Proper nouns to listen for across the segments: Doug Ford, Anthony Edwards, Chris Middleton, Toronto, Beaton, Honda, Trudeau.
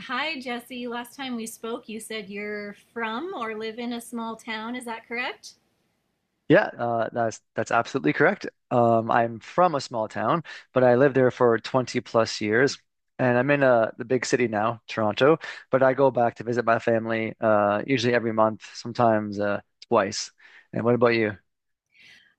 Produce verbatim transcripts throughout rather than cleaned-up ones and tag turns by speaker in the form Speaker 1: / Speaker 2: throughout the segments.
Speaker 1: Hi, Jesse. Last time we spoke, you said you're from or live in a small town. Is that correct?
Speaker 2: Yeah, uh, that's that's absolutely correct. Um, I'm from a small town, but I lived there for twenty plus years, and I'm in uh, the big city now, Toronto. But I go back to visit my family uh, usually every month, sometimes uh, twice. And what about you?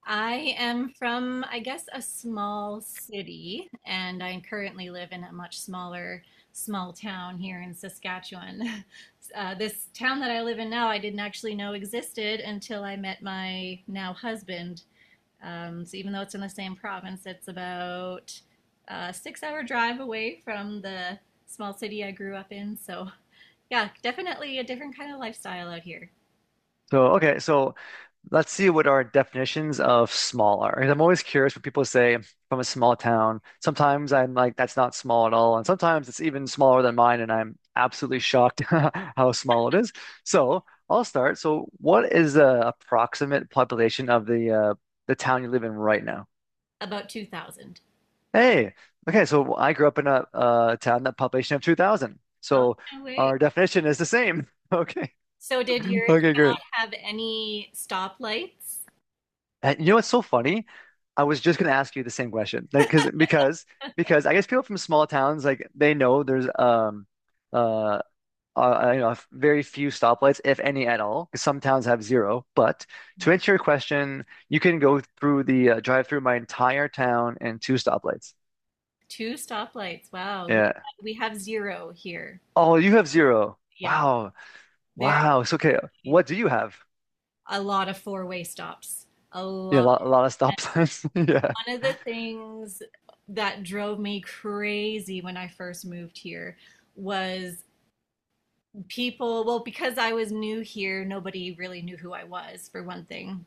Speaker 1: I am from, I guess, a small city, and I currently live in a much smaller small town here in Saskatchewan. Uh, this town that I live in now, I didn't actually know existed until I met my now husband. Um, so even though it's in the same province, it's about a six-hour drive away from the small city I grew up in. So. Yeah, definitely a different kind of lifestyle out here.
Speaker 2: So, okay, so let's see what our definitions of small are. Because I'm always curious when people say from a small town. Sometimes I'm like, that's not small at all. And sometimes it's even smaller than mine, and I'm absolutely shocked how small it is. So I'll start. So what is the approximate population of the uh, the town you live in right now?
Speaker 1: About two thousand.
Speaker 2: Hey, okay, so I grew up in a, a town that population of two thousand.
Speaker 1: Oh,
Speaker 2: So
Speaker 1: no way.
Speaker 2: our definition is the same. Okay.
Speaker 1: So did your
Speaker 2: Okay, great.
Speaker 1: town have any stoplights?
Speaker 2: And you know what's so funny? I was just gonna ask you the same question, like, because because because I guess people from small towns like they know there's um uh, uh you know very few stoplights if any at all. 'Cause some towns have zero. But to answer your question, you can go through the uh, drive through my entire town and two stoplights.
Speaker 1: Two stoplights. Wow. We
Speaker 2: Yeah.
Speaker 1: we have zero here.
Speaker 2: Oh, you have zero.
Speaker 1: Yeah.
Speaker 2: Wow.
Speaker 1: There
Speaker 2: Wow. So okay. What do you have?
Speaker 1: a lot of four-way stops. A
Speaker 2: Yeah, a
Speaker 1: lot.
Speaker 2: lot, a lot of stop signs.
Speaker 1: One of the things that drove me crazy when I first moved here was people, well, because I was new here, nobody really knew who I was, for one thing.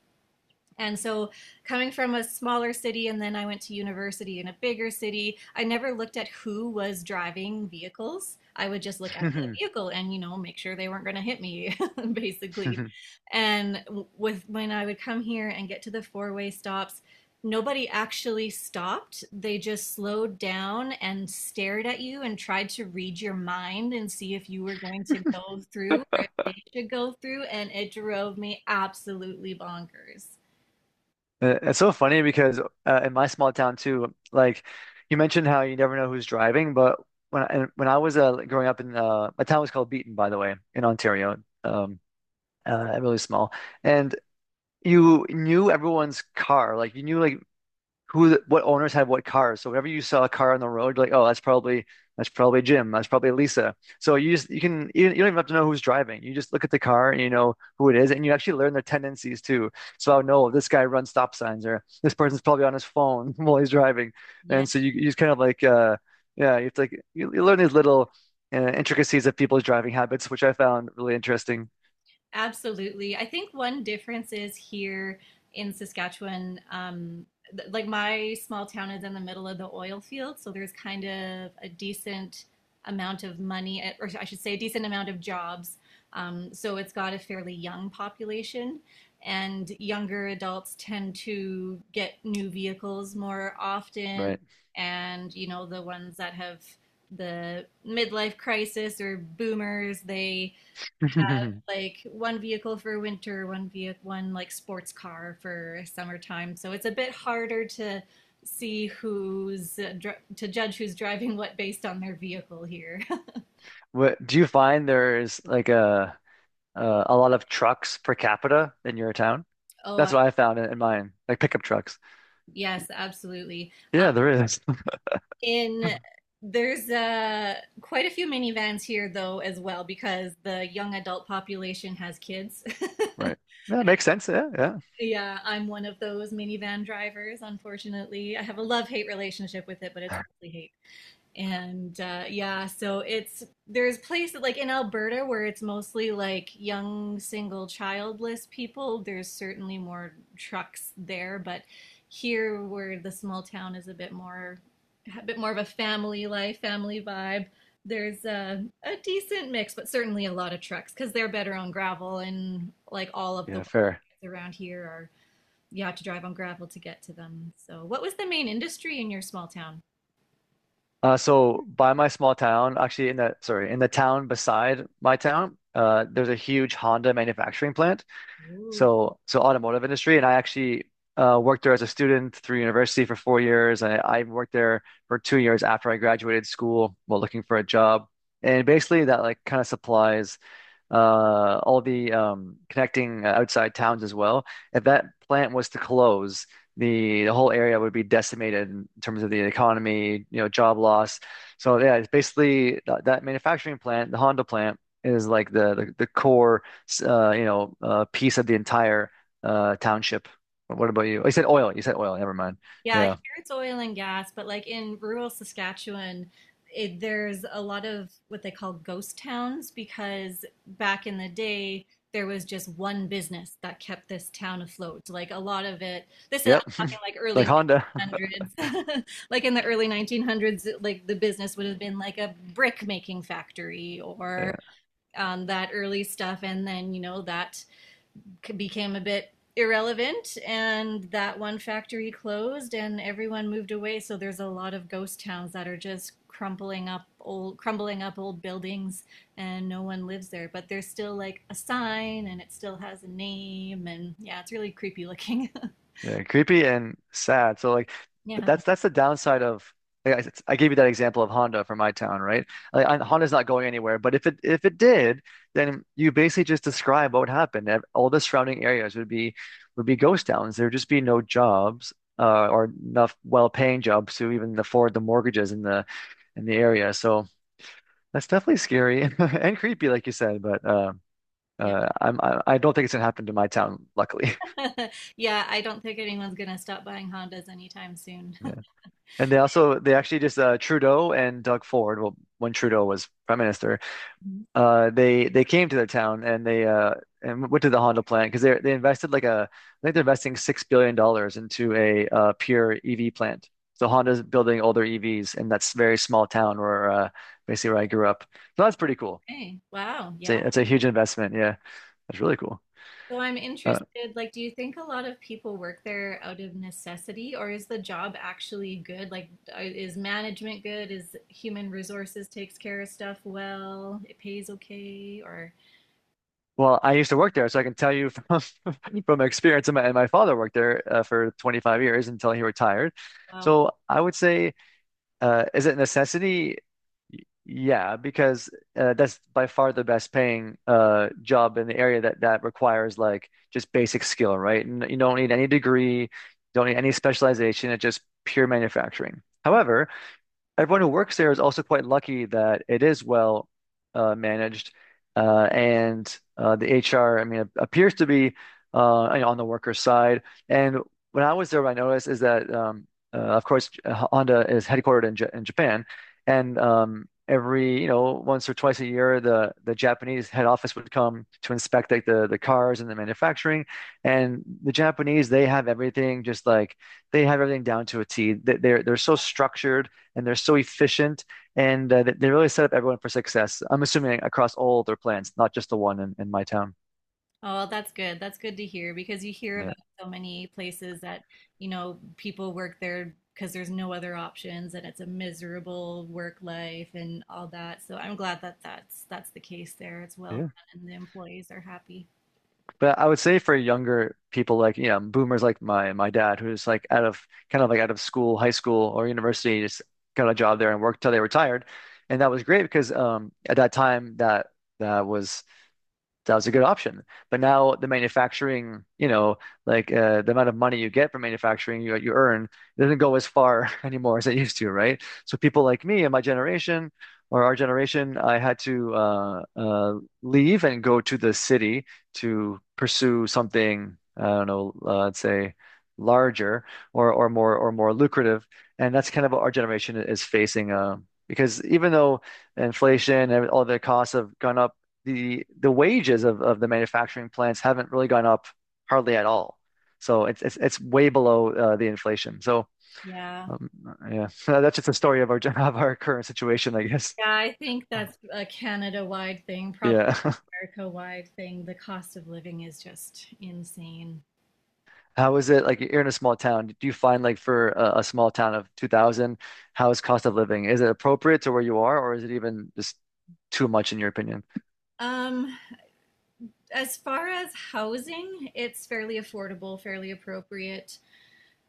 Speaker 1: And so, coming from a smaller city, and then I went to university in a bigger city, I never looked at who was driving vehicles. I would just look at the
Speaker 2: Yeah.
Speaker 1: vehicle and, you know, make sure they weren't going to hit me, basically. And w- with when I would come here and get to the four-way stops, nobody actually stopped. They just slowed down and stared at you and tried to read your mind and see if you were going to go through or if they should go through. And it drove me absolutely bonkers.
Speaker 2: Uh, It's so funny because uh, in my small town too, like you mentioned how you never know who's driving, but when I, when I was uh, like, growing up in uh, my town was called Beaton, by the way, in Ontario, um, uh, really small, and you knew everyone's car, like you knew like who what owners had what cars. So whenever you saw a car on the road, you're like, oh, that's probably that's probably Jim, that's probably Lisa. So you just you can you, don't even have to know who's driving. You just look at the car and you know who it is, and you actually learn their tendencies too. So I know this guy runs stop signs, or this person's probably on his phone while he's driving,
Speaker 1: Yeah,
Speaker 2: and so you you just kind of like uh yeah, you have to like, you, you learn these little uh, intricacies of people's driving habits, which I found really interesting.
Speaker 1: absolutely. I think one difference is here in Saskatchewan, um, th- like my small town is in the middle of the oil field, so there's kind of a decent amount of money, eh, or I should say, a decent amount of jobs. Um, so it's got a fairly young population, and younger adults tend to get new vehicles more often,
Speaker 2: Right.
Speaker 1: and you know, the ones that have the midlife crisis or boomers, they like one vehicle for winter, one vehicle, one like sports car for summertime. So it's a bit harder to see who's uh, dr- to judge who's driving what based on their vehicle here.
Speaker 2: What do you find there's like a uh, a lot of trucks per capita in your town.
Speaker 1: Oh,
Speaker 2: That's what I found in, in mine, like pickup trucks.
Speaker 1: yes, absolutely. Um,
Speaker 2: Yeah, there is.
Speaker 1: in There's uh, quite a few minivans here though as well because the young adult population has kids.
Speaker 2: Right. Yeah, makes sense. Yeah, yeah,
Speaker 1: Yeah, I'm one of those minivan drivers, unfortunately. I have a love-hate relationship with it, but it's mostly hate. And uh, yeah, so it's there's places like in Alberta where it's mostly like young single childless people. There's certainly more trucks there, but here where the small town is a bit more a bit more of a family life, family vibe. There's a, a decent mix, but certainly a lot of trucks because they're better on gravel, and like all of the
Speaker 2: yeah.
Speaker 1: work
Speaker 2: Fair.
Speaker 1: around here are, you have to drive on gravel to get to them. So what was the main industry in your small town?
Speaker 2: Uh, so by my small town, actually in the sorry, in the town beside my town, uh, there's a huge Honda manufacturing plant. So so automotive industry, and I actually uh, worked there as a student through university for four years. I, I worked there for two years after I graduated school while looking for a job. And basically that like kind of supplies uh, all the um, connecting uh, outside towns as well. If that plant was to close, the, the whole area would be decimated in terms of the economy, you know, job loss. So yeah, it's basically that, that manufacturing plant, the Honda plant, is like the the, the core, uh, you know, uh, piece of the entire uh, township. What about you? Oh, you said oil. You said oil. Never mind.
Speaker 1: Yeah, here
Speaker 2: Yeah.
Speaker 1: it's oil and gas, but like in rural Saskatchewan, it, there's a lot of what they call ghost towns because back in the day, there was just one business that kept this town afloat. Like a lot of it, this is, I'm
Speaker 2: Yep.
Speaker 1: talking like early
Speaker 2: Like Honda.
Speaker 1: nineteen hundreds. Like in the early nineteen hundreds, like the business would have been like a brick making factory or um, that early stuff. And then, you know, that became a bit irrelevant and that one factory closed and everyone moved away. So there's a lot of ghost towns that are just crumbling up old, crumbling up old buildings, and no one lives there, but there's still like a sign and it still has a name. And yeah, it's really creepy looking.
Speaker 2: Yeah, creepy and sad. So like th-
Speaker 1: Yeah.
Speaker 2: that's that's the downside of I, I I gave you that example of Honda from my town, right? Like I, Honda's not going anywhere, but if it if it did, then you basically just describe what would happen. Ev- All the surrounding areas would be would be ghost towns. There'd just be no jobs uh, or enough well-paying jobs to even afford the mortgages in the in the area. So that's definitely scary and creepy, like you said. But uh,
Speaker 1: Yeah.
Speaker 2: uh, I'm I, I don't think it's gonna happen to my town, luckily.
Speaker 1: Yeah, I don't think anyone's going to stop buying Hondas anytime soon.
Speaker 2: And they also they actually just uh, Trudeau and Doug Ford. Well, when Trudeau was prime minister, uh, they they came to their town and they uh, and went to the Honda plant because they they invested like a I think they're investing six billion dollars into a uh, pure E V plant. So Honda's building all their E Vs in that s- very small town where uh, basically where I grew up. So that's pretty cool.
Speaker 1: Okay, wow,
Speaker 2: It's
Speaker 1: yeah.
Speaker 2: a, it's a huge investment. Yeah, that's really cool.
Speaker 1: So I'm
Speaker 2: Uh,
Speaker 1: interested, like, do you think a lot of people work there out of necessity, or is the job actually good? Like, uh, is management good? Is human resources takes care of stuff well? It pays okay, or
Speaker 2: Well, I used to work there, so I can tell you from from experience. And my, and my father worked there uh, for twenty-five years until he retired.
Speaker 1: wow.
Speaker 2: So I would say, uh, is it a necessity? Yeah, because uh, that's by far the best paying uh, job in the area that that requires like just basic skill, right? And you don't need any degree, you don't need any specialization. It's just pure manufacturing. However, everyone who works there is also quite lucky that it is well uh, managed, uh, and uh, the H R, I mean, appears to be uh, you know, on the worker's side. And when I was there, what I noticed is that, um, uh, of course, Honda is headquartered in, J in Japan, and um, every you know once or twice a year, the the Japanese head office would come to inspect like the the cars and the manufacturing. And the Japanese, they have everything just like they have everything down to a T. They, they're they're so structured and they're so efficient and uh, they they really set up everyone for success. I'm assuming across all their plans, not just the one in, in my town.
Speaker 1: Oh, that's good. That's good to hear because you hear about
Speaker 2: Yeah.
Speaker 1: so many places that, you know, people work there because there's no other options and it's a miserable work life and all that. So I'm glad that that's that's the case there. It's well run
Speaker 2: Yeah.
Speaker 1: and the employees are happy.
Speaker 2: But I would say for younger people like, you know, boomers like my my dad, who's like out of kind of like out of school, high school or university, just got a job there and worked till they retired. And that was great because um at that time that that was That was a good option. But now the manufacturing, you know, like uh, the amount of money you get from manufacturing, you, you earn, it doesn't go as far anymore as it used to, right? So people like me and my generation or our generation, I had to uh, uh, leave and go to the city to pursue something, I don't know, uh, let's say larger or, or more or more lucrative. And that's kind of what our generation is facing uh, because even though inflation and all the costs have gone up, the the wages of, of the manufacturing plants haven't really gone up hardly at all. So it's it's, it's way below uh, the inflation. So
Speaker 1: Yeah.
Speaker 2: um, yeah, that's just a story of our of our current situation, I guess.
Speaker 1: Yeah, I think that's a Canada-wide thing, probably
Speaker 2: Yeah.
Speaker 1: America-wide thing. The cost of living is just insane.
Speaker 2: How is it like you're in a small town? Do you find like for a, a small town of two thousand, how is cost of living? Is it appropriate to where you are, or is it even just too much in your opinion?
Speaker 1: Um, as far as housing, it's fairly affordable, fairly appropriate.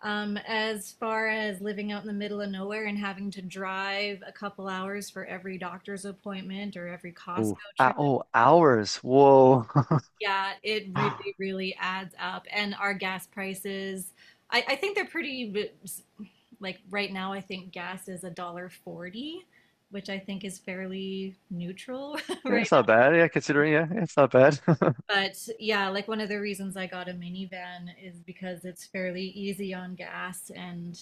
Speaker 1: Um, as far as living out in the middle of nowhere and having to drive a couple hours for every doctor's appointment or every Costco
Speaker 2: Ooh. Uh,
Speaker 1: trip,
Speaker 2: oh, hours. Whoa.
Speaker 1: yeah, it really, really adds up. And our gas prices, I, I think they're pretty, like right now I think gas is a dollar forty, which I think is fairly neutral
Speaker 2: Yeah,
Speaker 1: right
Speaker 2: it's not bad. Yeah, considering, yeah, yeah, it's not bad.
Speaker 1: now. But yeah, like one of the reasons I got a minivan is because it's fairly easy on gas, and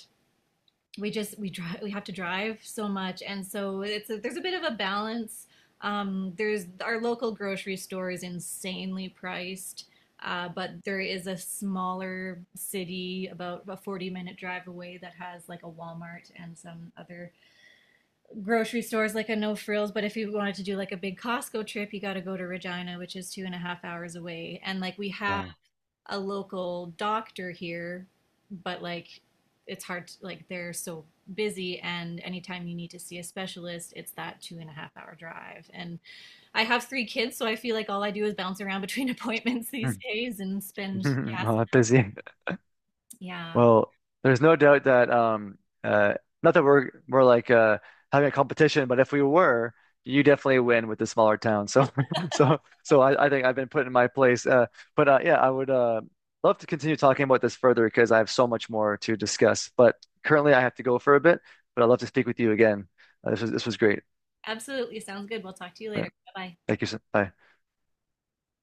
Speaker 1: we just we drive we have to drive so much. And so it's a, there's a bit of a balance. Um, there's Our local grocery store is insanely priced. Uh, but there is a smaller city about a forty minute drive away that has like a Walmart and some other grocery stores like a No Frills. But if you wanted to do like a big Costco trip, you got to go to Regina, which is two and a half hours away. And like we have
Speaker 2: Wow.
Speaker 1: a local doctor here, but like, it's hard to, like they're so busy, and anytime you need to see a specialist, it's that two and a half hour drive. And I have three kids, so I feel like all I do is bounce around between appointments these days and spend gas.
Speaker 2: Oh, I'm busy.
Speaker 1: Yeah,
Speaker 2: Well, there's no doubt that um uh not that we're we're like uh having a competition, but if we were, you definitely win with the smaller town. So so so I, I think I've been put in my place. Uh but uh yeah, I would uh love to continue talking about this further because I have so much more to discuss. But currently I have to go for a bit, but I'd love to speak with you again. Uh, this was this was great.
Speaker 1: absolutely. Sounds good. We'll talk to you later. Bye.
Speaker 2: Thank you. Sir. Bye.